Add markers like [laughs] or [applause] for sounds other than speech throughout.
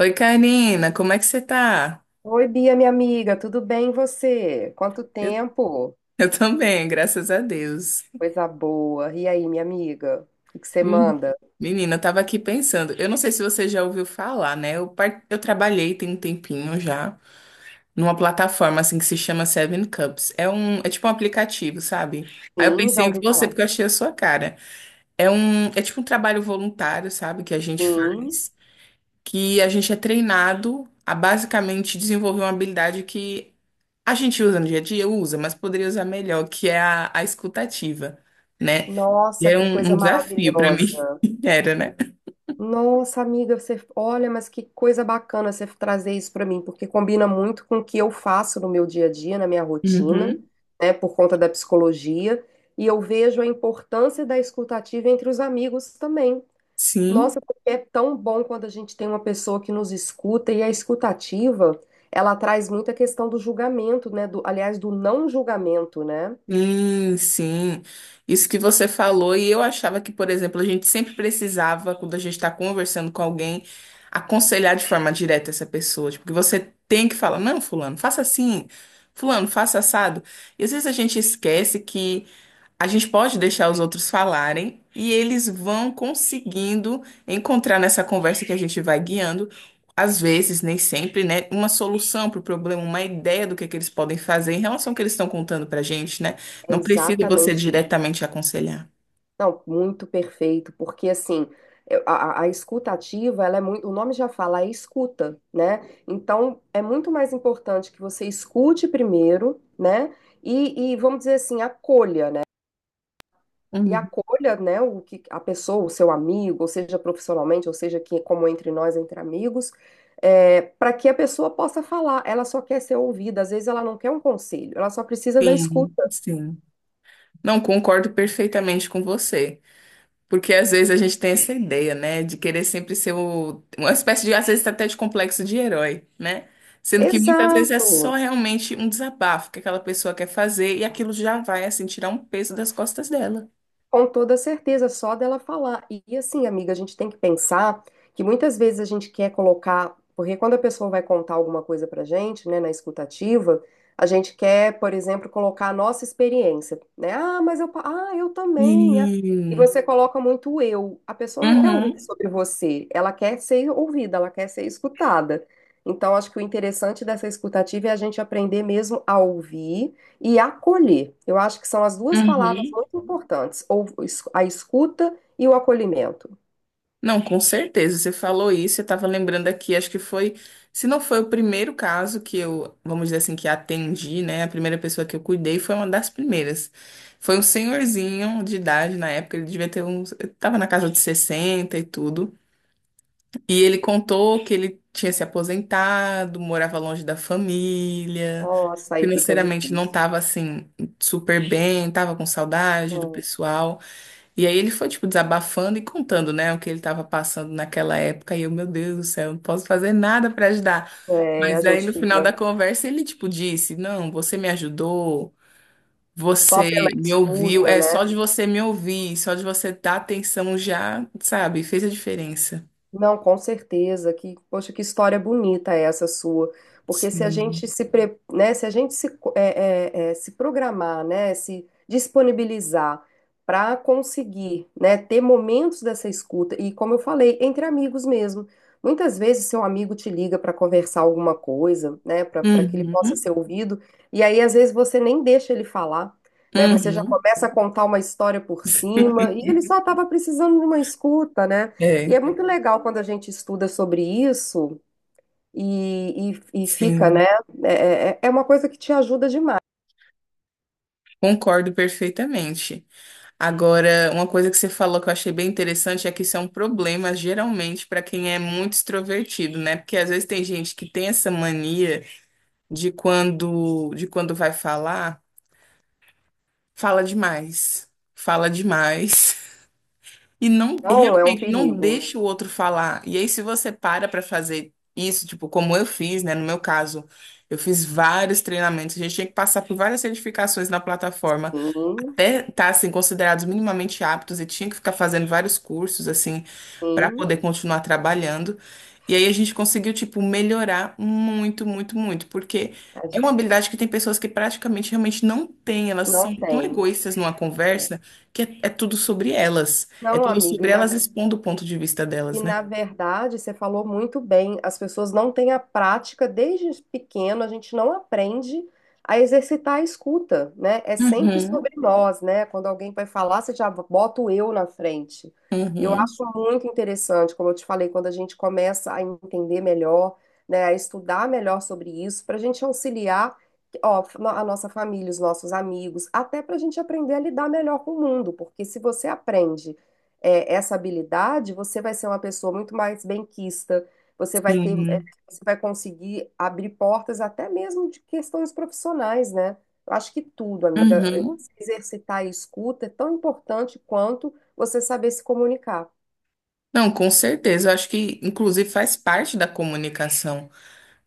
Oi, Karina, como é que você tá? Oi, Bia, minha amiga, tudo bem e você? Quanto Eu, tempo? eu também, graças a Deus. Coisa boa. E aí, minha amiga? O que que você Hum. manda? Menina, eu tava aqui pensando, eu não sei se você já ouviu falar, né? Eu trabalhei tem um tempinho já numa plataforma assim que se chama Seven Cups. É tipo um aplicativo, sabe? Aí eu Sim, já pensei em ouvi você falar. porque eu achei a sua cara. É tipo um trabalho voluntário, sabe, que a gente Sim. faz, que a gente é treinado a basicamente desenvolver uma habilidade que a gente usa no dia a dia, usa, mas poderia usar melhor, que é a escutativa, né? E Nossa, é que um, coisa um desafio para mim, maravilhosa. [laughs] era, né? Nossa, amiga, você, olha, mas que coisa bacana você trazer isso para mim, porque combina muito com o que eu faço no meu dia a dia, na minha rotina, Uhum. né, por conta da psicologia, e eu vejo a importância da escutativa entre os amigos também. Sim. Nossa, porque é tão bom quando a gente tem uma pessoa que nos escuta e a escutativa, ela traz muito a questão do julgamento, né? Do, aliás, do não julgamento, né? Sim, sim. Isso que você falou, e eu achava que, por exemplo, a gente sempre precisava, quando a gente está conversando com alguém, aconselhar de forma direta essa pessoa. Tipo, que você tem que falar, não, fulano, faça assim, fulano, faça assado. E às vezes a gente esquece que a gente pode deixar os outros falarem e eles vão conseguindo encontrar nessa conversa que a gente vai guiando, às vezes, nem sempre, né, uma solução para o problema, uma ideia do que é que eles podem fazer em relação ao que eles estão contando para gente, né? É Não precisa você exatamente isso. diretamente aconselhar. Não, muito perfeito, porque assim, a, a escutativa, ela é muito, o nome já fala, é escuta, né? Então, é muito mais importante que você escute primeiro, né? E vamos dizer assim, acolha, né? E Uhum. acolha, né, o que a pessoa, o seu amigo, ou seja profissionalmente, ou seja que como entre nós, entre amigos, para que a pessoa possa falar. Ela só quer ser ouvida, às vezes ela não quer um conselho, ela só precisa da Sim, escuta. sim. Não concordo perfeitamente com você. Porque às vezes a gente tem essa ideia, né, de querer sempre uma espécie de, às vezes até de complexo de herói, né? Sendo que muitas vezes é Exato. só realmente um desabafo que aquela pessoa quer fazer e aquilo já vai, assim, tirar um peso das costas dela. Com toda certeza, só dela falar. E assim, amiga, a gente tem que pensar que muitas vezes a gente quer colocar, porque quando a pessoa vai contar alguma coisa pra gente, né, na escutativa, a gente quer, por exemplo, colocar a nossa experiência, né? Ah, mas ah, eu também. Ah. E Sim. você coloca muito o eu. A pessoa não quer ouvir Uhum, sobre você, ela quer ser ouvida, ela quer ser escutada. Então, acho que o interessante dessa escutativa é a gente aprender mesmo a ouvir e acolher. Eu acho que são as duas palavras uhum. muito importantes, ou a escuta e o acolhimento. Não, com certeza. Você falou isso, eu estava lembrando aqui, acho que foi, se não foi o primeiro caso que eu, vamos dizer assim, que atendi, né? A primeira pessoa que eu cuidei foi uma das primeiras. Foi um senhorzinho de idade na época, ele devia ter uns, estava na casa de 60 e tudo. E ele contou que ele tinha se aposentado, morava longe da família, Nossa, aí fica financeiramente não difícil. estava assim super bem, estava com saudade do Então, pessoal. E aí ele foi, tipo, desabafando e contando, né, o que ele estava passando naquela época. E eu, meu Deus do céu, não posso fazer nada para ajudar. é, a Mas aí gente no final da fica conversa ele, tipo, disse: Não, você me ajudou, só você pela me ouviu. escuta, É só né? de você me ouvir, só de você dar atenção já, sabe, fez a diferença. Não, com certeza. Que, poxa, que história bonita é essa sua. Porque se a Sim. gente se, pre- né, se a gente se, co- se programar, né, se disponibilizar para conseguir, né, ter momentos dessa escuta e, como eu falei, entre amigos mesmo. Muitas vezes seu amigo te liga para conversar alguma coisa, né, para que ele possa Uhum. ser ouvido. E aí, às vezes, você nem deixa ele falar, né? Você já Uhum. começa a contar uma história por cima e ele só estava precisando de uma escuta, né? E É, é muito legal quando a gente estuda sobre isso e fica, sim. né? É, é uma coisa que te ajuda demais. Concordo perfeitamente. Agora, uma coisa que você falou que eu achei bem interessante é que isso é um problema, geralmente, para quem é muito extrovertido, né? Porque às vezes tem gente que tem essa mania de quando vai falar, fala demais, fala demais, [laughs] e não Não é um realmente não perigo. deixa o outro falar. E aí, se você para para fazer isso, tipo, como eu fiz, né? No meu caso, eu fiz vários treinamentos, a gente tinha que passar por várias certificações na plataforma, Sim, até estar assim considerados minimamente aptos e tinha que ficar fazendo vários cursos assim para sim. poder continuar trabalhando. E aí a gente conseguiu tipo melhorar muito, muito, muito, porque A é gente. uma habilidade que tem pessoas que praticamente realmente não têm, elas Não são tão tem. egoístas numa conversa que é tudo sobre elas, é Não, tudo amigo. sobre elas expondo o ponto de vista E delas, né? na verdade, você falou muito bem, as pessoas não têm a prática, desde pequeno a gente não aprende a exercitar a escuta, né? É sempre sobre Uhum, nós, né? Quando alguém vai falar, você já bota o eu na frente. Eu uhum, acho muito interessante, como eu te falei, quando a gente começa a entender melhor, né, a estudar melhor sobre isso, para a gente auxiliar, ó, a nossa família, os nossos amigos, até para a gente aprender a lidar melhor com o mundo, porque se você aprende é, essa habilidade, você vai ser uma pessoa muito mais benquista, você vai ter, é, sim, você vai conseguir abrir portas até mesmo de questões profissionais, né? Eu acho que tudo, amiga, uhum. se exercitar a escuta é tão importante quanto você saber se comunicar. Não, com certeza. Eu acho que, inclusive, faz parte da comunicação,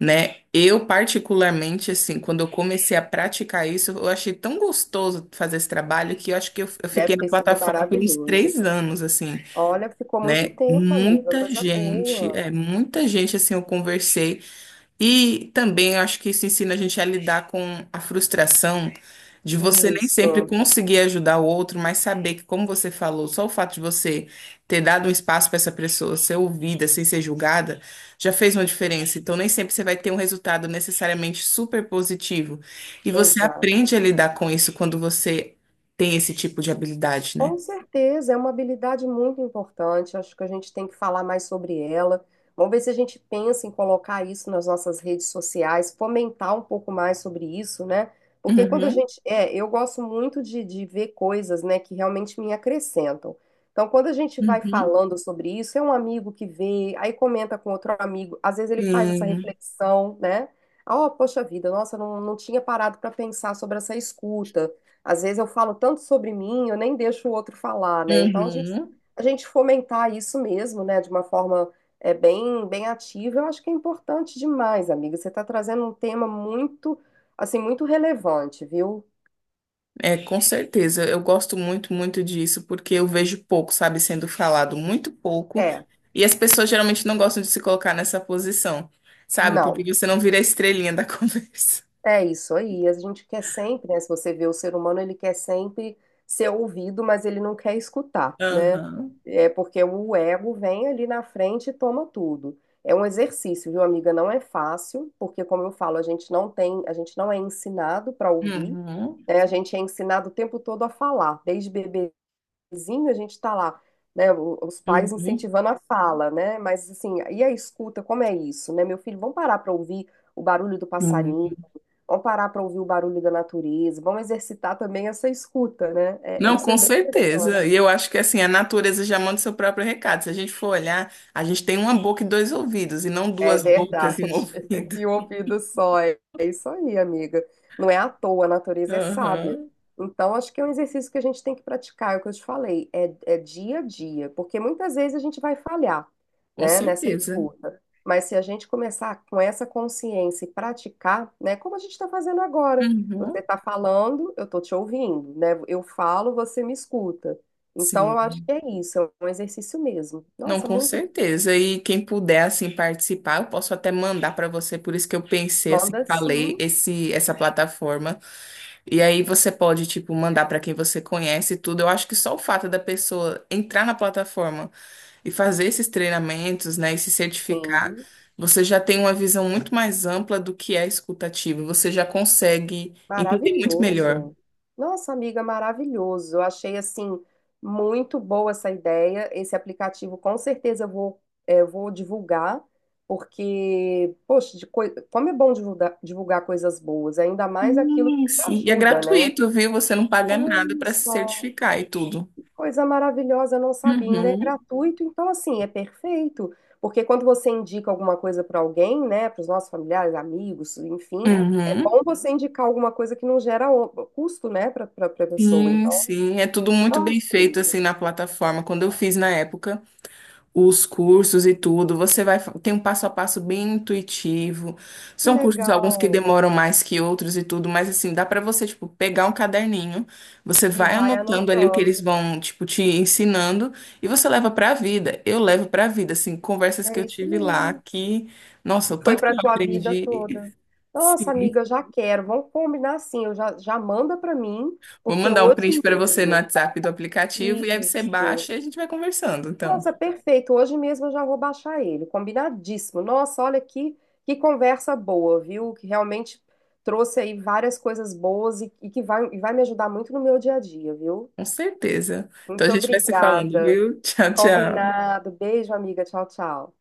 né? Eu, particularmente, assim, quando eu comecei a praticar isso, eu achei tão gostoso fazer esse trabalho que eu acho que eu Deve fiquei na ter sido plataforma por uns maravilhoso. 3 anos, assim, Olha, ficou muito né? tempo, amiga, Muita coisa gente, boa. é, muita gente, assim, eu conversei. E também eu acho que isso ensina a gente a lidar com a frustração de você nem sempre Isso, conseguir ajudar o outro, mas saber que, como você falou, só o fato de você ter dado um espaço para essa pessoa ser ouvida sem ser julgada já fez uma diferença. Então, nem sempre você vai ter um resultado necessariamente super positivo. E você exato. aprende a lidar com isso quando você tem esse tipo de habilidade, né? Com certeza, é uma habilidade muito importante. Acho que a gente tem que falar mais sobre ela. Vamos ver se a gente pensa em colocar isso nas nossas redes sociais, fomentar um pouco mais sobre isso, né? Porque quando a Uhum, gente. É, eu gosto muito de ver coisas, né, que realmente me acrescentam. Então, quando a gente vai uhum, falando sobre isso, é um amigo que vê, aí comenta com outro amigo, às vezes ele faz essa sim, reflexão, né? Ah, oh, poxa vida, nossa, não tinha parado para pensar sobre essa escuta. Às vezes eu falo tanto sobre mim, eu nem deixo o outro falar, né? Então uhum. a gente fomentar isso mesmo, né, de uma forma é, bem ativa, eu acho que é importante demais, amiga. Você está trazendo um tema muito, assim, muito relevante, viu? É, com certeza. Eu gosto muito, muito disso, porque eu vejo pouco, sabe, sendo falado muito pouco. É, E as pessoas geralmente não gostam de se colocar nessa posição, sabe? não. Porque você não vira a estrelinha da [laughs] conversa. É isso aí. A gente quer sempre, né? Se você vê o ser humano, ele quer sempre ser ouvido, mas ele não quer escutar, né? Aham. É porque o ego vem ali na frente e toma tudo. É um exercício, viu, amiga? Não é fácil, porque como eu falo, a gente não tem, a gente não é ensinado para ouvir, Uhum, né? A gente é ensinado o tempo todo a falar. Desde bebezinho a gente está lá, né? Os pais uhum, incentivando a fala, né? Mas assim, e a escuta, como é isso, né? Meu filho, vamos parar para ouvir o barulho do passarinho. uhum. Vamos parar para ouvir o barulho da natureza, vamos exercitar também essa escuta, né? É, Não, isso é com bem certeza. interessante. E eu acho que assim, a natureza já manda o seu próprio recado. Se a gente for olhar, a gente tem uma boca e dois ouvidos, e não É duas bocas e um [laughs] verdade. [laughs] ouvido. E o ouvido só. É é isso aí, amiga. Não é à toa, a natureza é sábia. Aham. Então, acho que é um exercício que a gente tem que praticar, é o que eu te falei, é, é dia a dia, porque muitas vezes a gente vai falhar, Com né, nessa certeza. escuta. Mas se a gente começar com essa consciência e praticar, né, como a gente está fazendo agora, você Uhum. está falando, eu estou te ouvindo, né, eu falo, você me escuta. Então, eu Sim. acho que é isso, é um exercício mesmo. Não, Nossa, com muito. certeza. E quem puder assim participar, eu posso até mandar para você. Por isso que eu pensei assim, Manda falei sim, esse essa plataforma. E aí você pode tipo mandar para quem você conhece e tudo. Eu acho que só o fato da pessoa entrar na plataforma e fazer esses treinamentos, né, e se certificar, sim. você já tem uma visão muito mais ampla do que é escutativa. Você já consegue entender muito melhor. Maravilhoso. Nossa, amiga, maravilhoso. Eu achei assim muito boa essa ideia. Esse aplicativo, com certeza, eu vou, eu vou divulgar, porque, poxa, como é bom divulgar, divulgar coisas boas, ainda mais aquilo que Sim, te sim. E é ajuda, né? gratuito, viu? Você não paga nada Olha para se só. certificar e tudo. Coisa maravilhosa, eu não sabia. Ainda é Uhum. gratuito, então assim, é perfeito. Porque quando você indica alguma coisa para alguém, né, para os nossos familiares, amigos, enfim, é bom Uhum. você indicar alguma coisa que não gera custo, né, para a pessoa. Sim, Então, sim, é tudo muito bem nossa, feito assim na plataforma. Quando eu fiz na época os cursos e tudo, você vai tem um passo a passo bem intuitivo. que São cursos alguns que legal. demoram mais que outros e tudo, mas assim, dá pra você tipo pegar um caderninho, você E vai vai anotando ali o que eles anotando. vão tipo te ensinando e você leva pra vida. Eu levo pra vida assim, conversas que É eu isso tive lá mesmo. que, nossa, o Foi tanto que para eu tua vida aprendi. toda. [laughs] Nossa, Sim. amiga, eu já quero. Vamos combinar assim, já manda para mim, Vou porque mandar um hoje print para você no mesmo. WhatsApp do aplicativo e aí você Isso. baixa e a gente vai conversando, então. Nossa, perfeito. Hoje mesmo eu já vou baixar ele. Combinadíssimo. Nossa, olha que conversa boa, viu? Que realmente trouxe aí várias coisas boas e que vai, e vai me ajudar muito no meu dia a dia, viu? Com certeza. Então a Muito gente vai se falando, obrigada. viu? [laughs] Tchau, tchau. Combinado. Beijo, amiga. Tchau, tchau.